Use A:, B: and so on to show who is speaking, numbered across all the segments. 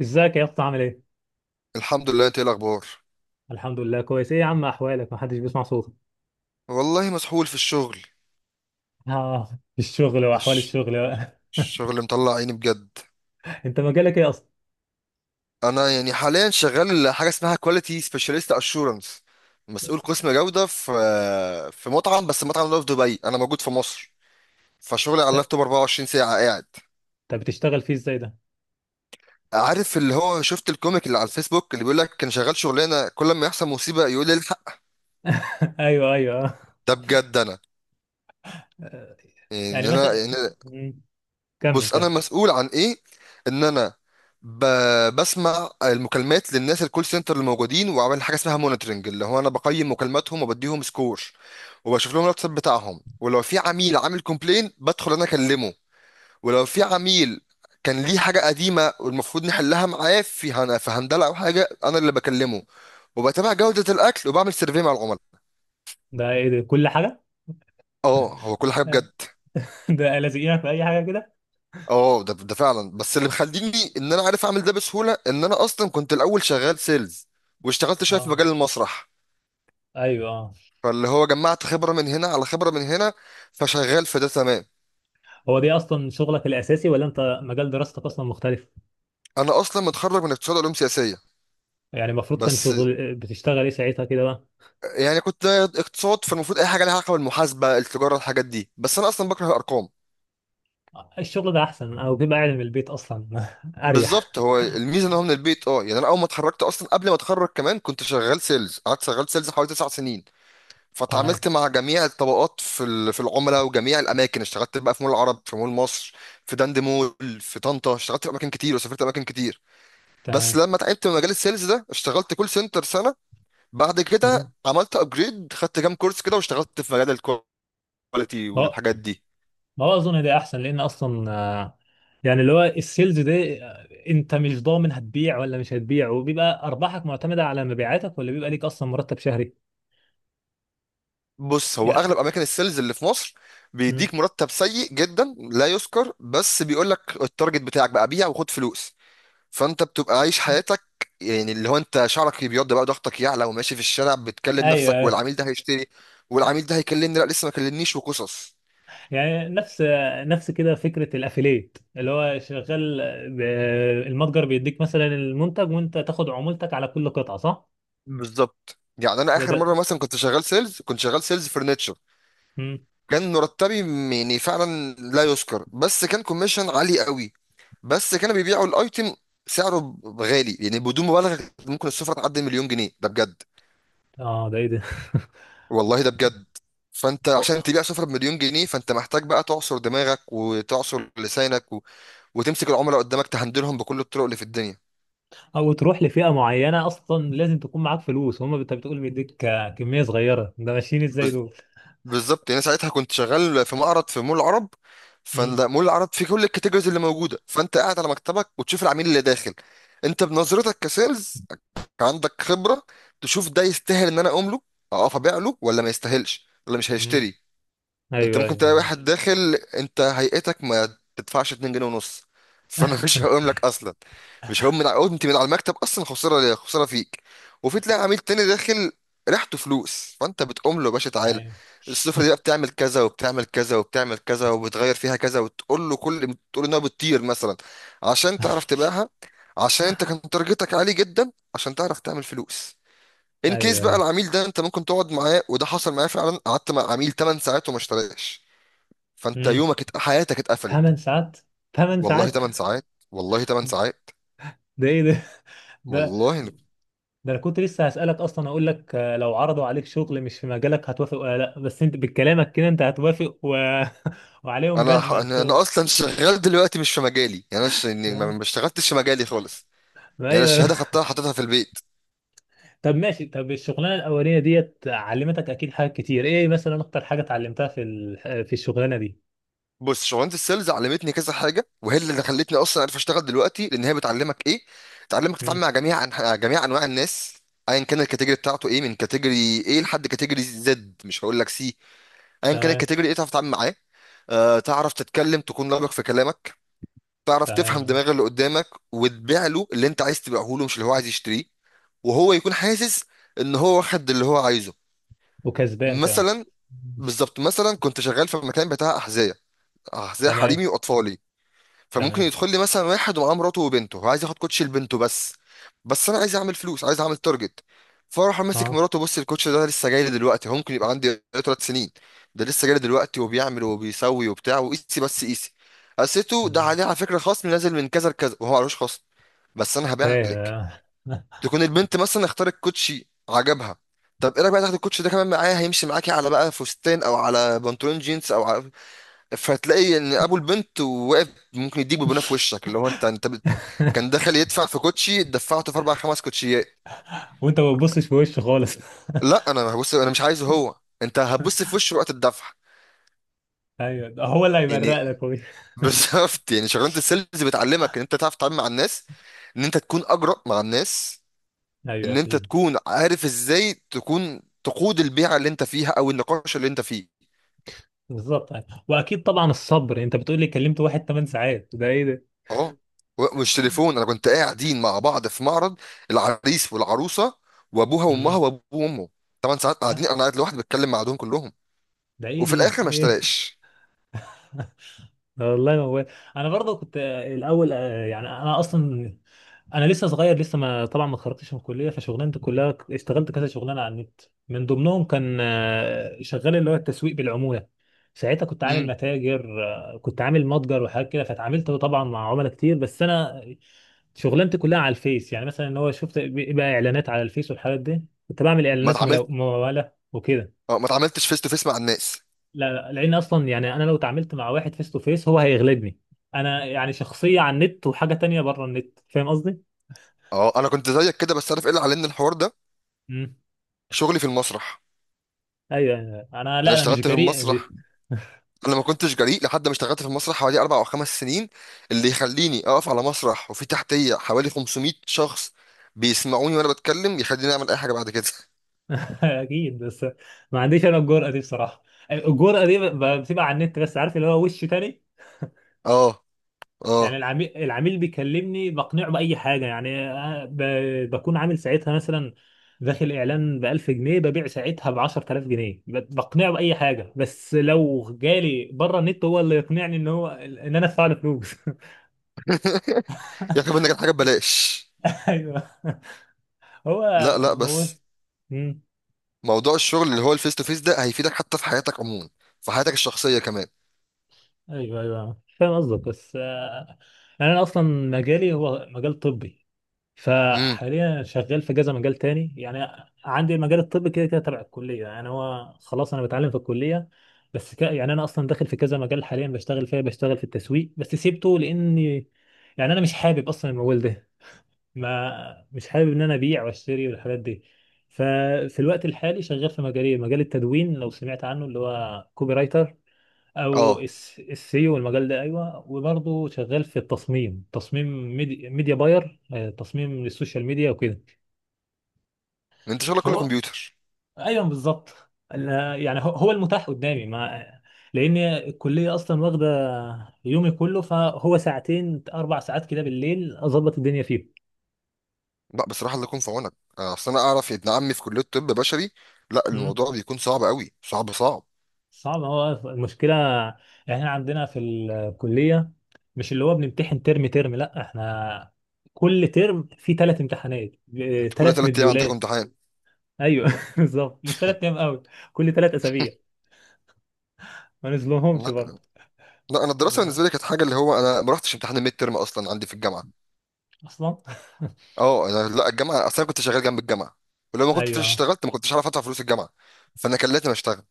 A: ازيك يا اسطى عامل ايه؟
B: الحمد لله، انت ايه الاخبار؟
A: الحمد لله كويس، ايه يا عم احوالك، محدش بيسمع صوتك؟
B: والله مسحول في الشغل.
A: اه، الشغل واحوال
B: الش-
A: الشغل بقى.
B: الشغل مطلع عيني بجد.
A: انت مجالك ايه اصلا؟
B: انا يعني حاليا شغال حاجه اسمها كواليتي سبيشاليست اشورنس، مسؤول قسم جوده في مطعم، بس المطعم ده في دبي، انا موجود في مصر، فشغلي على
A: ت-
B: اللابتوب 24 ساعه قاعد.
A: طب بتشتغل فيه ازاي ده؟
B: عارف اللي هو شفت الكوميك اللي على الفيسبوك اللي بيقول لك كان شغال شغلانه كل ما يحصل مصيبه يقول لي الحق؟
A: ايوه، ايوه.
B: ده بجد انا.
A: آه. يعني
B: يعني
A: مثلا.
B: انا،
A: مم. كمل
B: بص انا
A: كمل.
B: مسؤول عن ايه؟ ان انا ب... بسمع المكالمات للناس الكول سنتر اللي موجودين، وعامل حاجه اسمها مونيتورنج اللي هو انا بقيم مكالماتهم وبديهم سكور، وبشوف لهم الواتساب بتاعهم، ولو في عميل عامل كومبلين بدخل انا اكلمه، ولو في عميل كان ليه حاجه قديمه والمفروض نحلها معاه في هندله او حاجه انا اللي بكلمه، وبتابع جوده الاكل وبعمل سيرفي مع العملاء.
A: ده ايه ده كل حاجه؟
B: اه هو كل حاجه
A: آه.
B: بجد.
A: ده لازقينك في اي حاجه كده؟
B: اه، ده فعلا، بس اللي مخليني ان انا عارف اعمل ده بسهوله ان انا اصلا كنت الاول شغال سيلز، واشتغلت شويه في
A: اه،
B: مجال المسرح،
A: ايوه، اه.
B: فاللي هو جمعت خبره من هنا على خبره من هنا، فشغال في ده تمام.
A: هو دي اصلا شغلك الاساسي ولا انت مجال دراستك اصلا مختلف؟
B: انا اصلا متخرج من اقتصاد علوم سياسيه.
A: يعني المفروض كان
B: بس
A: شغل بتشتغل ايه ساعتها كده بقى؟
B: يعني كنت اقتصاد، فالمفروض اي حاجه لها علاقه بالمحاسبه التجاره الحاجات دي، بس انا اصلا بكره الارقام.
A: الشغل ده احسن، او بيبقى قاعد من البيت اصلا. اريح.
B: بالظبط، هو الميزه ان هو من البيت. اه يعني انا اول ما اتخرجت، اصلا قبل ما اتخرج كمان، كنت شغال سيلز، قعدت شغال سيلز حوالي تسع سنين،
A: تمام.
B: فتعاملت مع جميع الطبقات في العملاء، وجميع الاماكن اشتغلت بقى في مول العرب، في مول مصر، في دند مول، في طنطا، اشتغلت في اماكن كتير وسافرت اماكن كتير. بس
A: تمام.
B: لما تعبت من مجال السيلز ده اشتغلت كول سنتر سنه. بعد كده عملت ابجريد، خدت كام كورس كده، واشتغلت في مجال الكواليتي
A: ما
B: والحاجات دي.
A: ما هو اظن ده احسن لان اصلا، يعني اللي هو السيلز ده انت مش ضامن هتبيع ولا مش هتبيع، وبيبقى ارباحك معتمده على مبيعاتك، ولا بيبقى ليك اصلا مرتب شهري؟
B: بص، هو اغلب
A: يعني.
B: اماكن السيلز اللي في مصر
A: مم.
B: بيديك مرتب سيء جدا لا يذكر، بس بيقول لك التارجت بتاعك بقى بيع وخد فلوس. فانت بتبقى عايش حياتك، يعني اللي هو انت شعرك بيبيض بقى، ضغطك يعلى، وماشي في الشارع بتكلم
A: ايوه،
B: نفسك،
A: أيوه.
B: والعميل ده هيشتري، والعميل ده هيكلمني، لا لسه ما كلمنيش، وقصص.
A: يعني نفس كده فكره الافيليت اللي هو شغال، ب- المتجر بيديك مثلا المنتج وانت تاخد عمولتك على كل قطعه، صح؟
B: بالظبط، يعني انا
A: ده
B: اخر
A: ده
B: مره مثلا كنت شغال سيلز، كنت شغال سيلز فرنتشر،
A: مم.
B: كان مرتبي يعني فعلا لا يذكر، بس كان كوميشن عالي قوي. بس كانوا بيبيعوا الايتم سعره غالي يعني، بدون مبالغه ممكن السفره تعدي مليون جنيه، ده بجد
A: اه، ده ايه ده؟
B: والله ده بجد. فانت عشان تبيع سفرة بمليون جنيه فانت محتاج بقى تعصر دماغك وتعصر لسانك وتمسك العملاء قدامك تهندلهم بكل الطرق اللي في الدنيا.
A: او تروح لفئه معينه، اصلا لازم تكون معاك فلوس. هم انت بتقول بيديك كميه صغيره، ده ماشيين ازاي
B: بز...
A: دول؟
B: بالظبط، يعني ساعتها كنت شغال في معرض في مول العرب،
A: امم.
B: فلا مول العرب فيه كل الكاتيجوريز اللي موجودة، فانت قاعد على مكتبك وتشوف العميل اللي داخل. انت بنظرتك كسيلز عندك خبرة، تشوف ده يستاهل ان انا اقوم له اقف ابيع له، ولا ما يستاهلش ولا مش
A: امم.
B: هيشتري. انت
A: ايوه،
B: ممكن تلاقي
A: ايوه.
B: واحد داخل انت هيئتك ما تدفعش 2 جنيه ونص، فانا مش هقوم لك اصلا، مش هقوم من على، قمت من على المكتب اصلا خساره ليا خساره فيك. وفي تلاقي عميل تاني داخل ريحته فلوس، فانت بتقوم له يا باشا تعالى،
A: ايوه،
B: السفره دي بقى بتعمل كذا وبتعمل كذا وبتعمل كذا، وبتغير فيها كذا، وتقول له كل، تقول انها بتطير مثلا عشان تعرف تبيعها، عشان انت كان تارجتك عالي جدا عشان تعرف تعمل فلوس. ان كيس
A: ايوه،
B: بقى
A: ايوه.
B: العميل ده انت ممكن تقعد معاه، وده حصل معايا فعلا، قعدت مع عميل 8 ساعات وما اشتراش، فانت
A: امم.
B: يومك حياتك اتقفلت.
A: 8 ساعات. 8
B: والله
A: ساعات.
B: 8 ساعات، والله 8 ساعات.
A: ده ايه ده، ده
B: والله
A: ده انا كنت لسه هسألك اصلا، اقول لك لو عرضوا عليك شغل مش في مجالك هتوافق ولا لا؟ بس انت بكلامك كده انت هتوافق و... وعليهم
B: انا ح-
A: جزمة
B: انا أنا
A: الشغل.
B: اصلا شغال دلوقتي مش في مجالي، يعني انا يعني ما
A: ما-
B: ما اشتغلتش في مجالي خالص،
A: ما،
B: يعني أنا
A: ايوه.
B: الشهاده خدتها حطيتها في البيت.
A: طب ماشي، طب الشغلانه الاولانيه ديت علمتك اكيد حاجات كتير، ايه مثلا اكتر حاجه اتعلمتها في الشغلانه دي؟
B: بص، شغلانه السيلز علمتني كذا حاجه، وهي اللي خلتني اصلا عارف اشتغل دلوقتي، لان هي بتعلمك ايه؟ بتعلمك تتعامل
A: مم.
B: مع جميع انواع الناس، ايا كان الكاتيجوري بتاعته ايه، من كاتيجوري ايه لحد كاتيجوري زد، مش هقول لك سي، ايا كان
A: تمام.
B: الكاتيجوري ايه تعرف تتعامل معاه. آه، تعرف تتكلم، تكون لبق في كلامك، تعرف تفهم
A: تمام.
B: دماغ اللي قدامك، وتبيع له اللي انت عايز تبيعه له مش اللي هو عايز يشتريه، وهو يكون حاسس ان هو واخد اللي هو عايزه.
A: وكسبان كمان.
B: مثلا بالظبط، مثلا كنت شغال في مكان بتاع احذيه، احذيه
A: تمام.
B: حريمي واطفالي، فممكن
A: تمام.
B: يدخل لي مثلا واحد ومعاه مراته وبنته وعايز ياخد كوتش لبنته بس، بس انا عايز اعمل فلوس عايز اعمل تارجت، فاروح ماسك
A: اه.
B: مراته بص، الكوتش ده لسه جاي لي دلوقتي، هو ممكن يبقى عندي ثلاث سنين، ده لسه جاي لي دلوقتي، وبيعمل وبيسوي وبتاع، وقيسي بس قيسي، قسيته ده
A: مم.
B: عليه على فكره خصم نازل من كذا لكذا، وهو معلوش خصم، بس انا هبيع
A: فاهم،
B: لك.
A: آه.
B: تكون البنت مثلا اختارت كوتشي عجبها، طب ايه رايك بقى تاخد الكوتش ده كمان معايا، هيمشي معاكي على بقى فستان او على بنطلون جينز او على، فتلاقي ان ابو البنت واقف ممكن يديك ببناه في وشك، اللي هو انت كان دخل يدفع في كوتشي دفعته في اربع خمس كوتشيات.
A: وانت ما بتبصش في وشه خالص.
B: لا انا هبص، انا مش عايزه هو، انت هتبص في وشه وقت الدفع.
A: ايوه، ده هو اللي
B: يعني
A: هيبرق لك هو.
B: بالظبط، يعني شغلانه السيلز بتعلمك ان انت تعرف تتعامل مع الناس، ان انت تكون اجرأ مع الناس،
A: ايوه،
B: ان انت
A: اكيد.
B: تكون عارف ازاي تكون تقود البيعه اللي انت فيها او النقاش اللي انت فيه.
A: بالظبط. واكيد طبعا الصبر، انت بتقول لي كلمت واحد 8 ساعات، ده ايه ده.
B: اه، مش تليفون، انا كنت قاعدين مع بعض في معرض، العريس والعروسه وابوها وامها
A: مم.
B: وابوه وامه، ثمان ساعات قاعدين، انا قاعد لوحدي بتكلم مع دول كلهم،
A: ده ايه
B: وفي
A: ده.
B: الاخر ما
A: ايه.
B: اشتراش.
A: والله موال. انا برضه كنت الاول يعني انا اصلا، انا لسه صغير لسه، ما طبعا ما اتخرجتش من الكليه، فشغلانتي كلها اشتغلت كذا شغلانه على النت. من ضمنهم كان شغال اللي هو التسويق بالعموله. ساعتها
B: امم،
A: كنت عامل متجر وحاجات كده، فاتعاملت طبعا مع عملاء كتير، بس انا شغلانتي كلها على الفيس. يعني مثلا ان هو شفت بقى اعلانات على الفيس والحاجات دي، كنت بعمل
B: ما
A: اعلانات
B: اتعاملت،
A: مموله وكده.
B: اه ما اتعاملتش فيس تو فيس مع الناس.
A: لا، لا، لان اصلا يعني انا لو اتعاملت مع واحد فيس تو فيس هو هيغلبني. انا يعني شخصيه على النت وحاجه تانية بره النت، فاهم قصدي؟
B: اه انا كنت زيك كده، بس عارف ايه اللي علمني الحوار ده؟
A: امم.
B: شغلي في المسرح.
A: ايوه، أيوة. انا،
B: انا
A: لا، انا مش
B: اشتغلت في
A: جريء.
B: المسرح. انا ما كنتش جريء لحد ما اشتغلت في المسرح حوالي اربع او خمس سنين، اللي يخليني اقف على مسرح وفي تحتيه حوالي 500 شخص بيسمعوني وانا بتكلم، يخليني اعمل اي حاجه بعد كده.
A: اكيد، بس ما عنديش انا الجرأه دي بصراحه. الجرأه دي بتبقى على النت بس، عارف اللي هو وش تاني.
B: اه،
A: يعني
B: اه،
A: العميل بيكلمني بقنعه بأي حاجة، يعني بكون عامل ساعتها مثلا داخل إعلان ب 1000 جنيه، ببيع ساعتها ب 10000 جنيه، بقنعه بأي حاجة. بس لو جالي بره النت هو اللي يقنعني إن هو إن أنا أدفع له فلوس.
B: يا اخي منك الحاجه ببلاش.
A: أيوه. هو.
B: لا لا
A: هو.
B: بس
A: مم.
B: موضوع الشغل اللي هو الفيس تو فيس ده هيفيدك حتى في حياتك عموما، في حياتك الشخصيه كمان.
A: أيوه، أيوه، فاهم قصدك، بس يعني أنا أصلا مجالي هو مجال طبي،
B: امم،
A: فحاليا شغال في كذا مجال تاني يعني. عندي المجال الطبي كده كده تبع الكلية، يعني هو خلاص أنا بتعلم في الكلية. بس يعني أنا أصلا داخل في كذا مجال حاليا بشتغل فيها، بشتغل في التسويق بس سيبته، لأني يعني أنا مش حابب أصلا المجال ده. ما مش حابب إن أنا أبيع وأشتري والحاجات دي. ففي الوقت الحالي شغال في مجالي، مجال التدوين، لو سمعت عنه اللي هو كوبي رايتر او
B: اه
A: السيو، والمجال ده. ايوه، وبرضه شغال في التصميم، تصميم ميديا باير، تصميم للسوشيال ميديا وكده.
B: انت شغلك كله
A: فهو،
B: كمبيوتر.
A: ايوه بالظبط. أنا- يعني هو هو المتاح قدامي، مع لان الكليه اصلا واخده يومي كله، فهو ساعتين، 4 ساعات كده بالليل اظبط الدنيا فيه.
B: لا بصراحه الله يكون في عونك. آه، اصل انا اعرف ابن عمي في كليه طب بشري، لا
A: مم.
B: الموضوع بيكون صعب قوي، صعب صعب.
A: صعب، هو المشكله يعني احنا عندنا في الكليه، مش اللي هو بنمتحن ترم ترم، لا احنا كل ترم فيه 3 امتحانات،
B: انت كل
A: ثلاث
B: ثلاث ايام عندك
A: مديولات
B: امتحان؟
A: ايوه بالظبط، مش 3 ايام قوي، كل 3 اسابيع. ما نزلوهمش برضه؟
B: لا لا، انا الدراسه بالنسبه لي كانت حاجه، اللي هو انا ما رحتش امتحان الميد ترم اصلا عندي في الجامعه.
A: اصلا.
B: اه انا، لا الجامعه اصلا كنت شغال جنب الجامعه، ولو ما كنتش
A: ايوه، آه.
B: اشتغلت ما كنتش عارف ادفع فلوس الجامعه، فانا كان لازم اشتغل.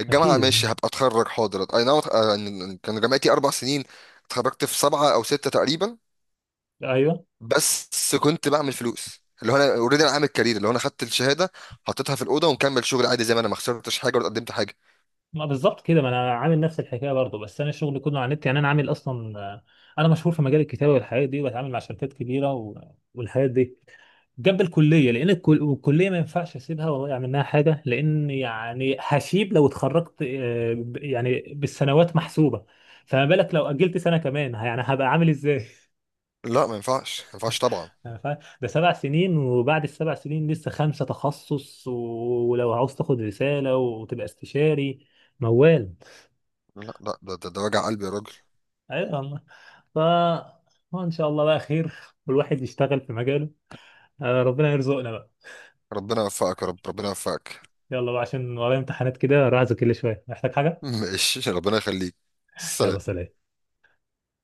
B: الجامعة
A: اكيد.
B: ماشي هبقى اتخرج حاضر اي نعم، أه، يعني كان جامعتي اربع سنين، اتخرجت في سبعة او ستة تقريبا،
A: ايوه.
B: بس كنت بعمل فلوس، اللي هو انا اوريدي انا عامل كارير، اللي هو انا خدت الشهادة حطيتها في الأوضة، ومكمل شغل عادي زي ما انا ما خسرتش حاجة ولا قدمت حاجة.
A: ما بالظبط كده، ما انا عامل نفس الحكايه برضه، بس انا شغلي كله على النت. يعني انا عامل اصلا، انا مشهور في مجال الكتابه والحاجات دي، وبتعامل مع شركات كبيره و... والحاجات دي جنب الكليه، لان الكليه ما ينفعش اسيبها واضيع منها حاجه، لان يعني هشيب. لو اتخرجت يعني بالسنوات محسوبه، فما بالك لو اجلت سنه كمان، يعني هبقى عامل ازاي؟
B: لا ما ينفعش، ما ينفعش طبعا.
A: أنا فاهم، ده 7 سنين، وبعد ال7 سنين لسه خمسة تخصص، ولو عاوز تاخد رسالة وتبقى استشاري، موال.
B: لا لا ده وجع قلبي يا راجل.
A: ايوه والله. ف وان شاء الله بقى خير، والواحد يشتغل في مجاله. آه، ربنا يرزقنا بقى.
B: ربنا يوفقك يا رب، ربنا يوفقك.
A: يلا بقى، عشان ورايا امتحانات كده، راح اذاكر لي شوية، محتاج حاجة.
B: ماشي، ربنا يخليك. سلام.
A: يلا سلام.